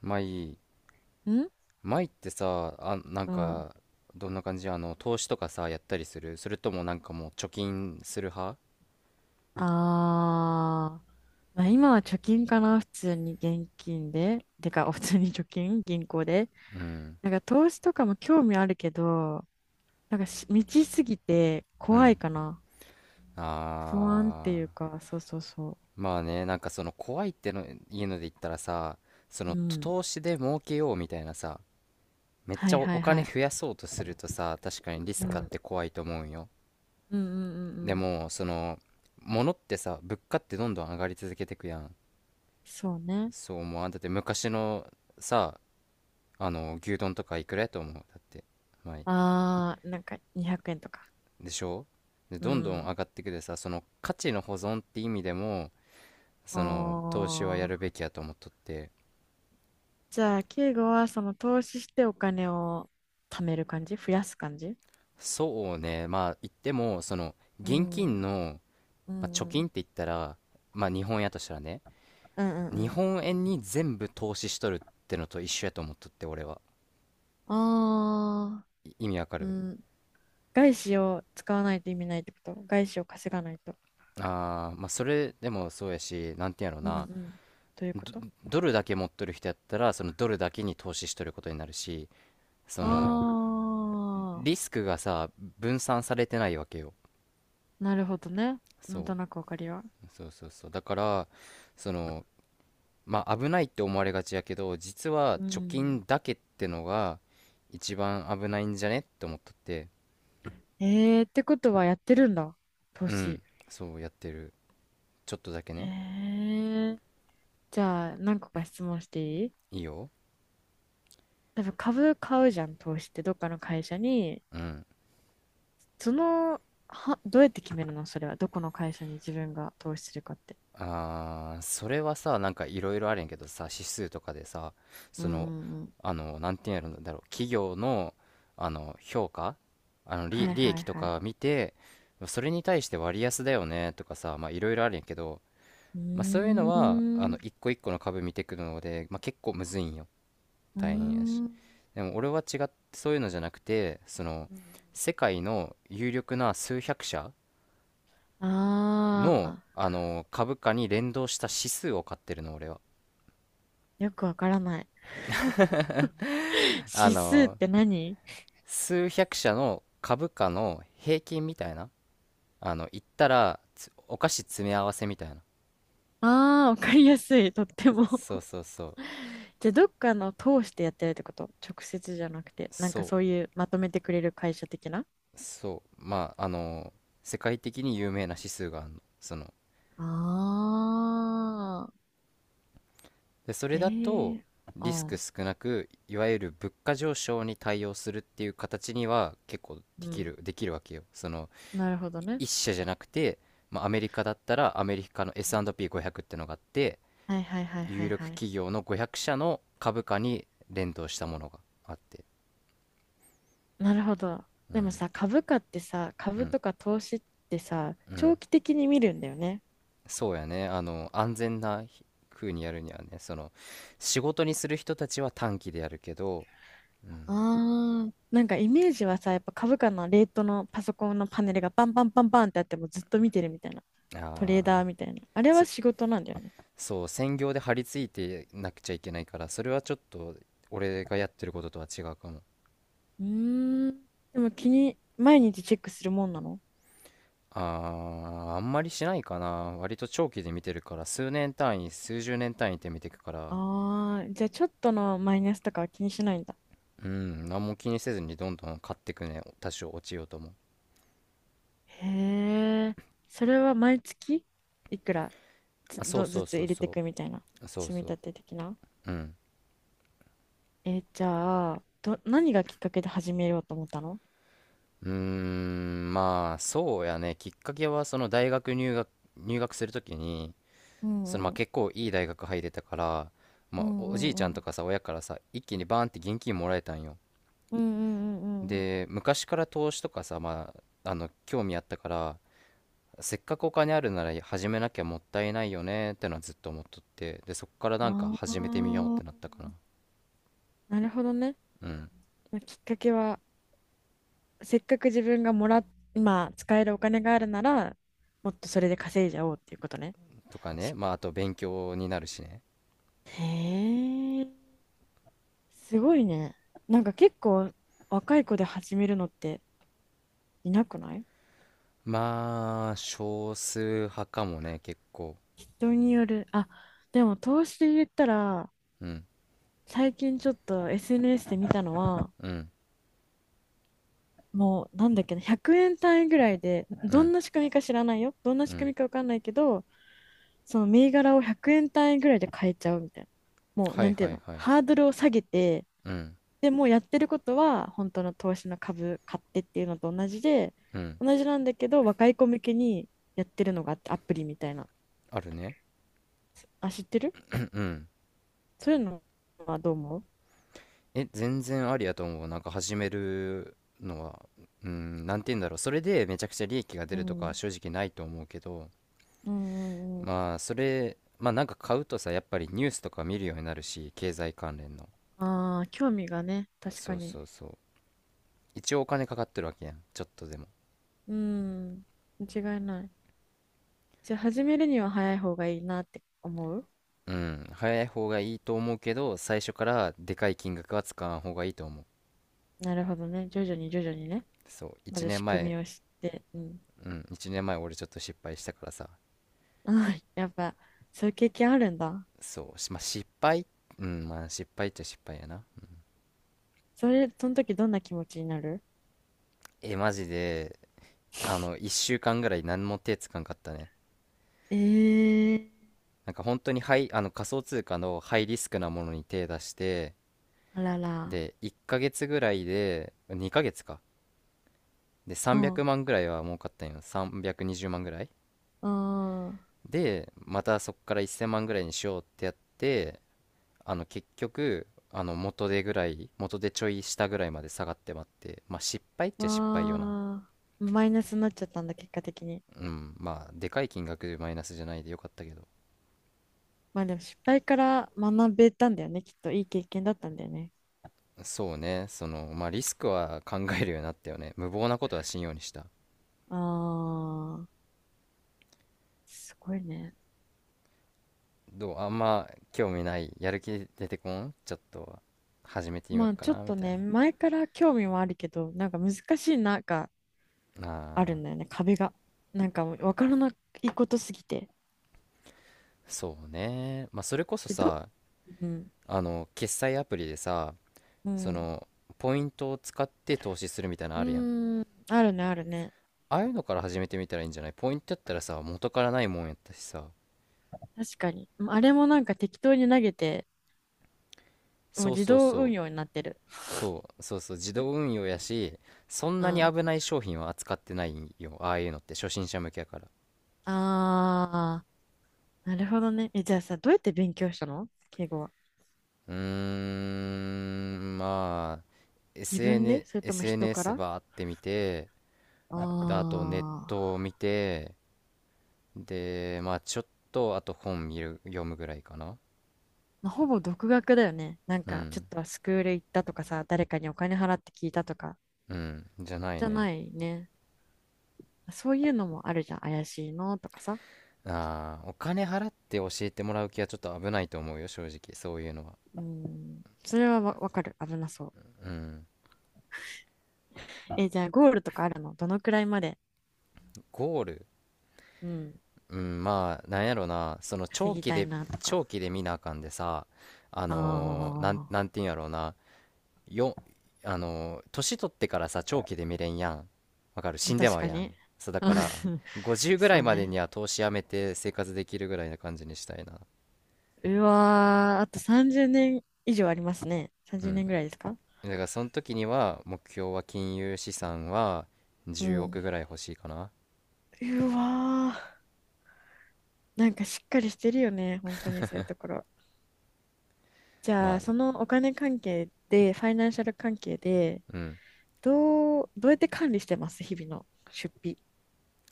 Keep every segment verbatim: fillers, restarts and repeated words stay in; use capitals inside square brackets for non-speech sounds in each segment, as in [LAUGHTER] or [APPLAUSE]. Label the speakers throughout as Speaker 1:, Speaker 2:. Speaker 1: マイ、
Speaker 2: ん
Speaker 1: マイってさ、あ、なん
Speaker 2: うん。
Speaker 1: か、どんな感じあの、投資とかさ、やったりする？それともなんかもう貯金する派？
Speaker 2: あー。まあ、今は貯金かな、普通に現金で。てか、普通に貯金、銀行で。なんか投資とかも興味あるけど、なんかし未知すぎて
Speaker 1: う
Speaker 2: 怖い
Speaker 1: ん。
Speaker 2: かな。
Speaker 1: あ
Speaker 2: 不安っていう
Speaker 1: ー、
Speaker 2: か、そうそうそ
Speaker 1: まあね、なんかその怖いっての、いうので言ったらさ、そ
Speaker 2: う。う
Speaker 1: の
Speaker 2: ん。
Speaker 1: 投資で儲けようみたいなさ、めっ
Speaker 2: は
Speaker 1: ち
Speaker 2: い
Speaker 1: ゃお、
Speaker 2: は
Speaker 1: お
Speaker 2: いは
Speaker 1: 金
Speaker 2: い。
Speaker 1: 増やそうとするとさ、確かにリ
Speaker 2: う
Speaker 1: スクあっ
Speaker 2: ん。
Speaker 1: て怖いと思うんよ。
Speaker 2: うんうんうん
Speaker 1: で
Speaker 2: うん。
Speaker 1: も、その、物ってさ、物価ってどんどん上がり続けてくやん。
Speaker 2: そうね。
Speaker 1: そう思わん？だって昔のさ、あの牛丼とかいくらやと思う？だってまあ、
Speaker 2: あー、なんかにひゃくえんとか。
Speaker 1: でしょ？で
Speaker 2: う
Speaker 1: どんどん上
Speaker 2: ん。
Speaker 1: がってくでさ、その価値の保存って意味でも、
Speaker 2: あ
Speaker 1: その投資はやる
Speaker 2: ー。
Speaker 1: べきやと思っとって。
Speaker 2: じゃあ、敬語はその投資してお金を貯める感じ増やす感じ？
Speaker 1: そうね、まあ言ってもその
Speaker 2: う
Speaker 1: 現
Speaker 2: ん、
Speaker 1: 金の、
Speaker 2: う
Speaker 1: まあ、貯
Speaker 2: ん、う
Speaker 1: 金
Speaker 2: ん。
Speaker 1: って言ったらまあ日本円やとしたらね、
Speaker 2: うんう
Speaker 1: 日
Speaker 2: んうん。
Speaker 1: 本円に全部投資しとるってのと一緒やと思っとって俺は。
Speaker 2: ああ、
Speaker 1: い意味わか
Speaker 2: う
Speaker 1: る？
Speaker 2: ん。外資を使わないと意味ないってこと？外資を稼がないと。
Speaker 1: あー、まあそれでもそうやし、なんていうんやろ
Speaker 2: うん、う
Speaker 1: な。
Speaker 2: ん。というこ
Speaker 1: ド
Speaker 2: と？
Speaker 1: ドルだけ持っとる人やったらそのドルだけに投資しとることになるし、その
Speaker 2: あ
Speaker 1: リ
Speaker 2: あ、
Speaker 1: スクがさ、分散されてないわけよ。
Speaker 2: なるほどね。なん
Speaker 1: そ
Speaker 2: となくわかりは。
Speaker 1: うそうそうそう。だから、そのまあ危ないって思われがちやけど、実は
Speaker 2: う
Speaker 1: 貯金
Speaker 2: ん。
Speaker 1: だけってのが一番危ないんじゃねって思っとって。
Speaker 2: えー、ってことはやってるんだ。投
Speaker 1: う
Speaker 2: 資。
Speaker 1: ん、そうやってる、ちょっとだけ
Speaker 2: え
Speaker 1: ね。
Speaker 2: ー、じゃあ、何個か質問していい？
Speaker 1: いいよ。
Speaker 2: 多分株買うじゃん、投資って。どっかの会社に、
Speaker 1: うん。
Speaker 2: その、は、どうやって決めるの、それは？どこの会社に自分が投資するかって。
Speaker 1: あー、それはさ、なんかいろいろあるんやけどさ、指数とかでさ、
Speaker 2: うん
Speaker 1: そ
Speaker 2: う
Speaker 1: の、
Speaker 2: んうん。
Speaker 1: あの、なんていうんやろだろう、企業の、あの、評価、あの、利、
Speaker 2: はい
Speaker 1: 利
Speaker 2: は
Speaker 1: 益
Speaker 2: い
Speaker 1: と
Speaker 2: はい。
Speaker 1: か見て、それに対して割安だよねとかさ、まあいろいろあるんやけど、
Speaker 2: う
Speaker 1: まあそういうの
Speaker 2: ー
Speaker 1: は、あの、
Speaker 2: ん。
Speaker 1: 一個一個の株見てくるので、まあ結構むずいんよ。
Speaker 2: うー
Speaker 1: 大変やし。
Speaker 2: ん。
Speaker 1: でも俺は違って、そういうのじゃなくて、その、世界の有力な数百社の、
Speaker 2: ああ、
Speaker 1: あの、株価に連動した指数を買ってるの、俺は。
Speaker 2: よくわからない。[LAUGHS]
Speaker 1: あ
Speaker 2: 指数っ
Speaker 1: の、
Speaker 2: て何？
Speaker 1: 数百社の株価の平均みたいな。あの、言ったらつお菓子詰め合わせみたいな。
Speaker 2: ああー、わかりやすい。とっても。
Speaker 1: そう
Speaker 2: [LAUGHS]
Speaker 1: そうそう
Speaker 2: じゃあ、どっかの通してやってるってこと？直接じゃなくて、なんか
Speaker 1: そ
Speaker 2: そういうまとめてくれる会社的な？
Speaker 1: うそう。まああの、世界的に有名な指数があるの、その。
Speaker 2: あ。ああ。
Speaker 1: でそれ
Speaker 2: ええ
Speaker 1: だと、
Speaker 2: ー、
Speaker 1: リスク
Speaker 2: ああ。
Speaker 1: 少なく、いわゆる物価上昇に対応するっていう形には結構で
Speaker 2: う
Speaker 1: き
Speaker 2: ん。
Speaker 1: るできるわけよ。その、
Speaker 2: なるほど
Speaker 1: い
Speaker 2: ね。
Speaker 1: 一社じゃなくて、まあ、アメリカだったらアメリカの S&ピーごひゃく ってのがあって、
Speaker 2: はいはいはいは
Speaker 1: 有
Speaker 2: い
Speaker 1: 力
Speaker 2: はい。
Speaker 1: 企業のごひゃくしゃ社の株価に連動したものがあって。
Speaker 2: なるほど。
Speaker 1: う
Speaker 2: でも
Speaker 1: ん
Speaker 2: さ、株価ってさ、
Speaker 1: う
Speaker 2: 株
Speaker 1: ん
Speaker 2: とか投資ってさ、
Speaker 1: う
Speaker 2: 長
Speaker 1: ん。
Speaker 2: 期的に見るんだよね。
Speaker 1: そうやね、あの安全な風にやるにはね、その仕事にする人たちは短期でやるけど。うん、
Speaker 2: ああ、なんかイメージはさ、やっぱ株価のレートのパソコンのパネルがバンバンバンバンってあってもずっと見てるみたいな。
Speaker 1: あ
Speaker 2: トレーダー
Speaker 1: あ、
Speaker 2: みたいな。あれは
Speaker 1: そ
Speaker 2: 仕事なんだよね。
Speaker 1: そう、専業で張り付いてなくちゃいけないから、それはちょっと俺がやってることとは違うかも。
Speaker 2: うーん。でも気に、毎日チェックするもんなの？
Speaker 1: ああ、あんまりしないかな。割と長期で見てるから、数年単位、数十年単位って見てくから。
Speaker 2: ああー、じゃあちょっとのマイナスとかは気にしないんだ。
Speaker 1: うん、何も気にせずにどんどん買ってくね、多少落ちようとも。
Speaker 2: へえ。それは毎月いくらつ
Speaker 1: あ、そう
Speaker 2: ど
Speaker 1: そ
Speaker 2: ず
Speaker 1: う
Speaker 2: つ
Speaker 1: そう
Speaker 2: 入れてい
Speaker 1: そ
Speaker 2: くみたいな。
Speaker 1: う、そう
Speaker 2: 積み
Speaker 1: そう。
Speaker 2: 立て的な。
Speaker 1: うん。
Speaker 2: えー、じゃあ、ど、何がきっかけで始めようと思ったの？
Speaker 1: うーん、まあ、そうやね、きっかけは、その大学入学、入学するときに、
Speaker 2: う
Speaker 1: そのま
Speaker 2: ん
Speaker 1: あ
Speaker 2: うん
Speaker 1: 結構いい大学入れたから、
Speaker 2: う
Speaker 1: まあ、おおじいち
Speaker 2: ん
Speaker 1: ゃ
Speaker 2: う
Speaker 1: んと
Speaker 2: ん
Speaker 1: かさ、親からさ、一気にバーンって現金もらえたんよ。
Speaker 2: うんうんうんうんうん。
Speaker 1: で、昔から投資とかさ、まあ、あの、興味あったから、せっかくお金あるなら始めなきゃもったいないよねってのはずっと思っとって、で、そっからなんか
Speaker 2: ああ
Speaker 1: 始めてみようってなっ
Speaker 2: ー、
Speaker 1: たかな。
Speaker 2: なるほどね。
Speaker 1: うん。
Speaker 2: きっかけは、せっかく自分がもら、今使えるお金があるなら、もっとそれで稼いじゃおうっていうことね。
Speaker 1: とかね、
Speaker 2: し
Speaker 1: まあ、あと勉強になるしね。
Speaker 2: へえ、すごいね。なんか結構若い子で始めるのっていなくない？
Speaker 1: まあ、少数派かもね、結構。
Speaker 2: 人による。あ、でも投資で言ったら、
Speaker 1: うん、
Speaker 2: 最近ちょっと エスエヌエス で見たのは、
Speaker 1: うん、
Speaker 2: もう、なんだっけな、ひゃくえん単位ぐらいで、
Speaker 1: う
Speaker 2: ど
Speaker 1: ん、
Speaker 2: んな仕組みか知らないよ。どんな
Speaker 1: う
Speaker 2: 仕組
Speaker 1: ん。
Speaker 2: みかわかんないけど、その銘柄をひゃくえん単位ぐらいで買えちゃうみたいな。もう、
Speaker 1: は
Speaker 2: な
Speaker 1: い
Speaker 2: んていう
Speaker 1: はい
Speaker 2: の、
Speaker 1: はい。
Speaker 2: ハードルを下げて、
Speaker 1: うん、
Speaker 2: でもうやってることは、本当の投資の株買ってっていうのと同じで、
Speaker 1: うん。
Speaker 2: 同じなんだけど、若い子向けにやってるのがあって、アプリみたいな。
Speaker 1: あるね。
Speaker 2: あ、知ってる？
Speaker 1: うん、うん。
Speaker 2: そういうのはどう思う？
Speaker 1: え、全然ありやと思う。なんか始めるのは、うん、なんて言うんだろう。それでめちゃくちゃ利益が出
Speaker 2: う
Speaker 1: るとかは
Speaker 2: ん。
Speaker 1: 正直ないと思うけど、
Speaker 2: うんうんうん。
Speaker 1: まあ、それ、まあなんか買うとさ、やっぱりニュースとか見るようになるし、経済関連の。
Speaker 2: ああ、興味がね、確か
Speaker 1: そう
Speaker 2: に。
Speaker 1: そうそう。一応お金かかってるわけやん。ちょっとでも。
Speaker 2: うん、間違いない。じゃあ始めるには早い方がいいなって思う？
Speaker 1: うん、早い方がいいと思うけど、最初からでかい金額は使わん方がいいと思う。
Speaker 2: なるほどね。徐々に徐々にね。
Speaker 1: そう、
Speaker 2: ま
Speaker 1: 1
Speaker 2: ず
Speaker 1: 年
Speaker 2: 仕組み
Speaker 1: 前、
Speaker 2: を知って。うん。
Speaker 1: うん、いちねんまえ俺ちょっと失敗したからさ、
Speaker 2: ああ、[LAUGHS] やっぱ、そういう経験あるんだ。
Speaker 1: そう、しまあ、失敗。うん、まあ失敗っちゃ失敗やな。
Speaker 2: それ、その時どんな気持ちになる？
Speaker 1: え、マジで、あの、いっしゅうかんぐらい何も手つかんかったね。
Speaker 2: ええ、
Speaker 1: なんか本当にハイ、あの仮想通貨のハイリスクなものに手出して、
Speaker 2: あらら。
Speaker 1: で、いっかげつぐらいで、にかげつか。で、300
Speaker 2: ほう。
Speaker 1: 万ぐらいは儲かったんよ。さんびゃくにじゅうまんぐらい。
Speaker 2: あ
Speaker 1: でまたそこからせんまんぐらいにしようってやって、あの結局、あの元手ぐらい元手ちょい下ぐらいまで下がってまって、まあ失敗っ
Speaker 2: あ、
Speaker 1: ちゃ失敗よな。
Speaker 2: わあ。マイナスになっちゃったんだ、結果的に。
Speaker 1: うん、まあでかい金額でマイナスじゃないでよかったけど。
Speaker 2: まあでも失敗から学べたんだよね。きっといい経験だったんだよね。
Speaker 1: そうね、そのまあリスクは考えるようになったよね。無謀なことはしんようにした。
Speaker 2: ああ、すごいね。
Speaker 1: どう？あんま興味ない？やる気出てこん？ちょっと始めてみよう
Speaker 2: まあ
Speaker 1: か
Speaker 2: ちょっ
Speaker 1: なみ
Speaker 2: と
Speaker 1: たい
Speaker 2: ね、前から興味もあるけど、なんか難しいな、
Speaker 1: な。
Speaker 2: ある
Speaker 1: あ
Speaker 2: んだ
Speaker 1: ー、
Speaker 2: よね、壁が。なんかもう分からないことすぎて。
Speaker 1: そうね、まあそれこそ
Speaker 2: えど、
Speaker 1: さ、
Speaker 2: うん。
Speaker 1: あの決済アプリでさ、
Speaker 2: う
Speaker 1: そ
Speaker 2: ん。
Speaker 1: のポイントを使って投資するみたいな
Speaker 2: う
Speaker 1: のあるやん？
Speaker 2: ーん。あるね、あるね。
Speaker 1: ああいうのから始めてみたらいいんじゃない？ポイントやったらさ、元からないもんやったしさ。
Speaker 2: 確かに。うん、あれもなんか適当に投げて、もう
Speaker 1: そう
Speaker 2: 自
Speaker 1: そう
Speaker 2: 動運
Speaker 1: そう。
Speaker 2: 用になってる。
Speaker 1: そうそうそう、自動運用やし、そん
Speaker 2: う
Speaker 1: なに
Speaker 2: ん。
Speaker 1: 危ない商品は扱ってないんよ。ああいうのって初心者向けやから。
Speaker 2: あー、なるほどね。え、じゃあさ、どうやって勉強したの、敬語は？
Speaker 1: うーん、まあ
Speaker 2: 自分で
Speaker 1: エスエヌ
Speaker 2: それとも人から？
Speaker 1: エスエヌエス
Speaker 2: あ
Speaker 1: バーって見て、であと
Speaker 2: あ、
Speaker 1: ネットを見て、でまあちょっと、あと本見る読むぐらいかな。
Speaker 2: まあ、ほぼ独学だよね。なん
Speaker 1: う
Speaker 2: か、ちょっ
Speaker 1: ん、
Speaker 2: とスクール行ったとかさ、誰かにお金払って聞いたとか、
Speaker 1: うん、じゃない
Speaker 2: じゃ
Speaker 1: ね。
Speaker 2: ないね。そういうのもあるじゃん。怪しいのとかさ。
Speaker 1: ああ、お金払って教えてもらう気はちょっと危ないと思うよ、正直、そういうのは。
Speaker 2: うん、それはわわかる。危なそ
Speaker 1: うん。
Speaker 2: う。えー、じゃあゴールとかあるの？どのくらいまで、
Speaker 1: ゴール。
Speaker 2: うん、
Speaker 1: うん、まあ、なんやろな、その
Speaker 2: 稼
Speaker 1: 長
Speaker 2: ぎ
Speaker 1: 期
Speaker 2: たい
Speaker 1: で、
Speaker 2: なとか。
Speaker 1: 長期で見なあかんでさ、あのー、
Speaker 2: あ
Speaker 1: なん、
Speaker 2: あ、
Speaker 1: なんていうんやろうな、よ、あのー、年取ってからさ、長期で見れんやん。わかる？死んでま
Speaker 2: 確
Speaker 1: う
Speaker 2: か
Speaker 1: やん。
Speaker 2: に。
Speaker 1: そう、だから、
Speaker 2: [LAUGHS]
Speaker 1: ごじゅうぐら
Speaker 2: そ
Speaker 1: い
Speaker 2: う
Speaker 1: までに
Speaker 2: ね。
Speaker 1: は投資やめて生活できるぐらいな感じにしたいな。
Speaker 2: うわー、あとさんじゅうねん以上ありますね。
Speaker 1: う
Speaker 2: 30
Speaker 1: ん。
Speaker 2: 年ぐらいですか？
Speaker 1: だから、その時には、目標は金融資産は
Speaker 2: う
Speaker 1: 10
Speaker 2: ん。
Speaker 1: 億ぐらい欲しいかな。
Speaker 2: うわー、なんかしっかりしてるよね。本当にそういうところ。じ
Speaker 1: ま
Speaker 2: ゃあ、
Speaker 1: あ
Speaker 2: そ
Speaker 1: ね。
Speaker 2: のお金関係で、ファイナンシャル関係で、
Speaker 1: うん。
Speaker 2: どう、どうやって管理してます？日々の出費、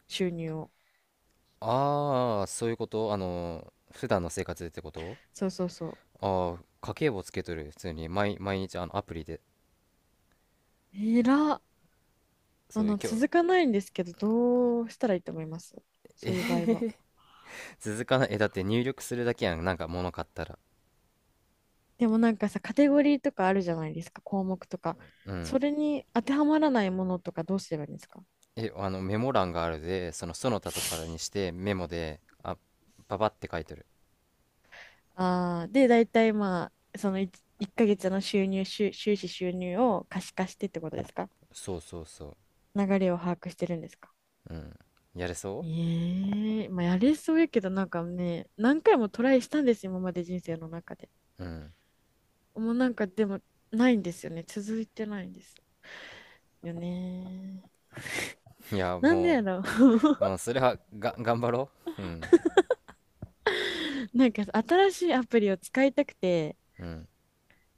Speaker 2: 収入を。
Speaker 1: ああ、そういうこと？あの、普段の生活でってこと？
Speaker 2: そうそうそう。
Speaker 1: ああ、家計簿つけとる。普通に毎、毎日あのアプリで。
Speaker 2: えらっ。あ
Speaker 1: そう、
Speaker 2: の、
Speaker 1: 今日、
Speaker 2: 続かないんですけど、どうしたらいいと思います？そういう
Speaker 1: え。
Speaker 2: 場合は。
Speaker 1: [LAUGHS] 続かない？え、だって入力するだけやん。なんか物買ったら。
Speaker 2: でもなんかさ、カテゴリーとかあるじゃないですか、項目とか。
Speaker 1: うん。
Speaker 2: それに当てはまらないものとかどうすればいいんですか？
Speaker 1: え、あの、メモ欄があるで、そのその他とかにしてメモで、あ、パパって書いてる。
Speaker 2: ああー、で、大体まあ、その いっ ヶ月の収入、収、収支収入を可視化してってことですか？
Speaker 1: そうそうそ
Speaker 2: 流れを把握してるんですか？
Speaker 1: う。うん。やれそ
Speaker 2: ええ、まあやれそうやけどなんかね、何回もトライしたんですよ、今まで人生の中で。
Speaker 1: う？うん。
Speaker 2: もうなんかでもないんですよね、続いてないんです、よね。
Speaker 1: いや、
Speaker 2: なんでや
Speaker 1: も
Speaker 2: ろう。
Speaker 1: う、うん、それは、が、頑張ろう。うん。
Speaker 2: [LAUGHS] なんか新しいアプリを使いたくて、
Speaker 1: うん。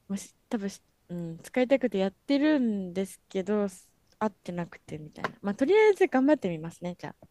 Speaker 2: もし多分し、うん、使いたくてやってるんですけど、合ってなくてみたいな。まあ、とりあえず頑張ってみますね、じゃあ。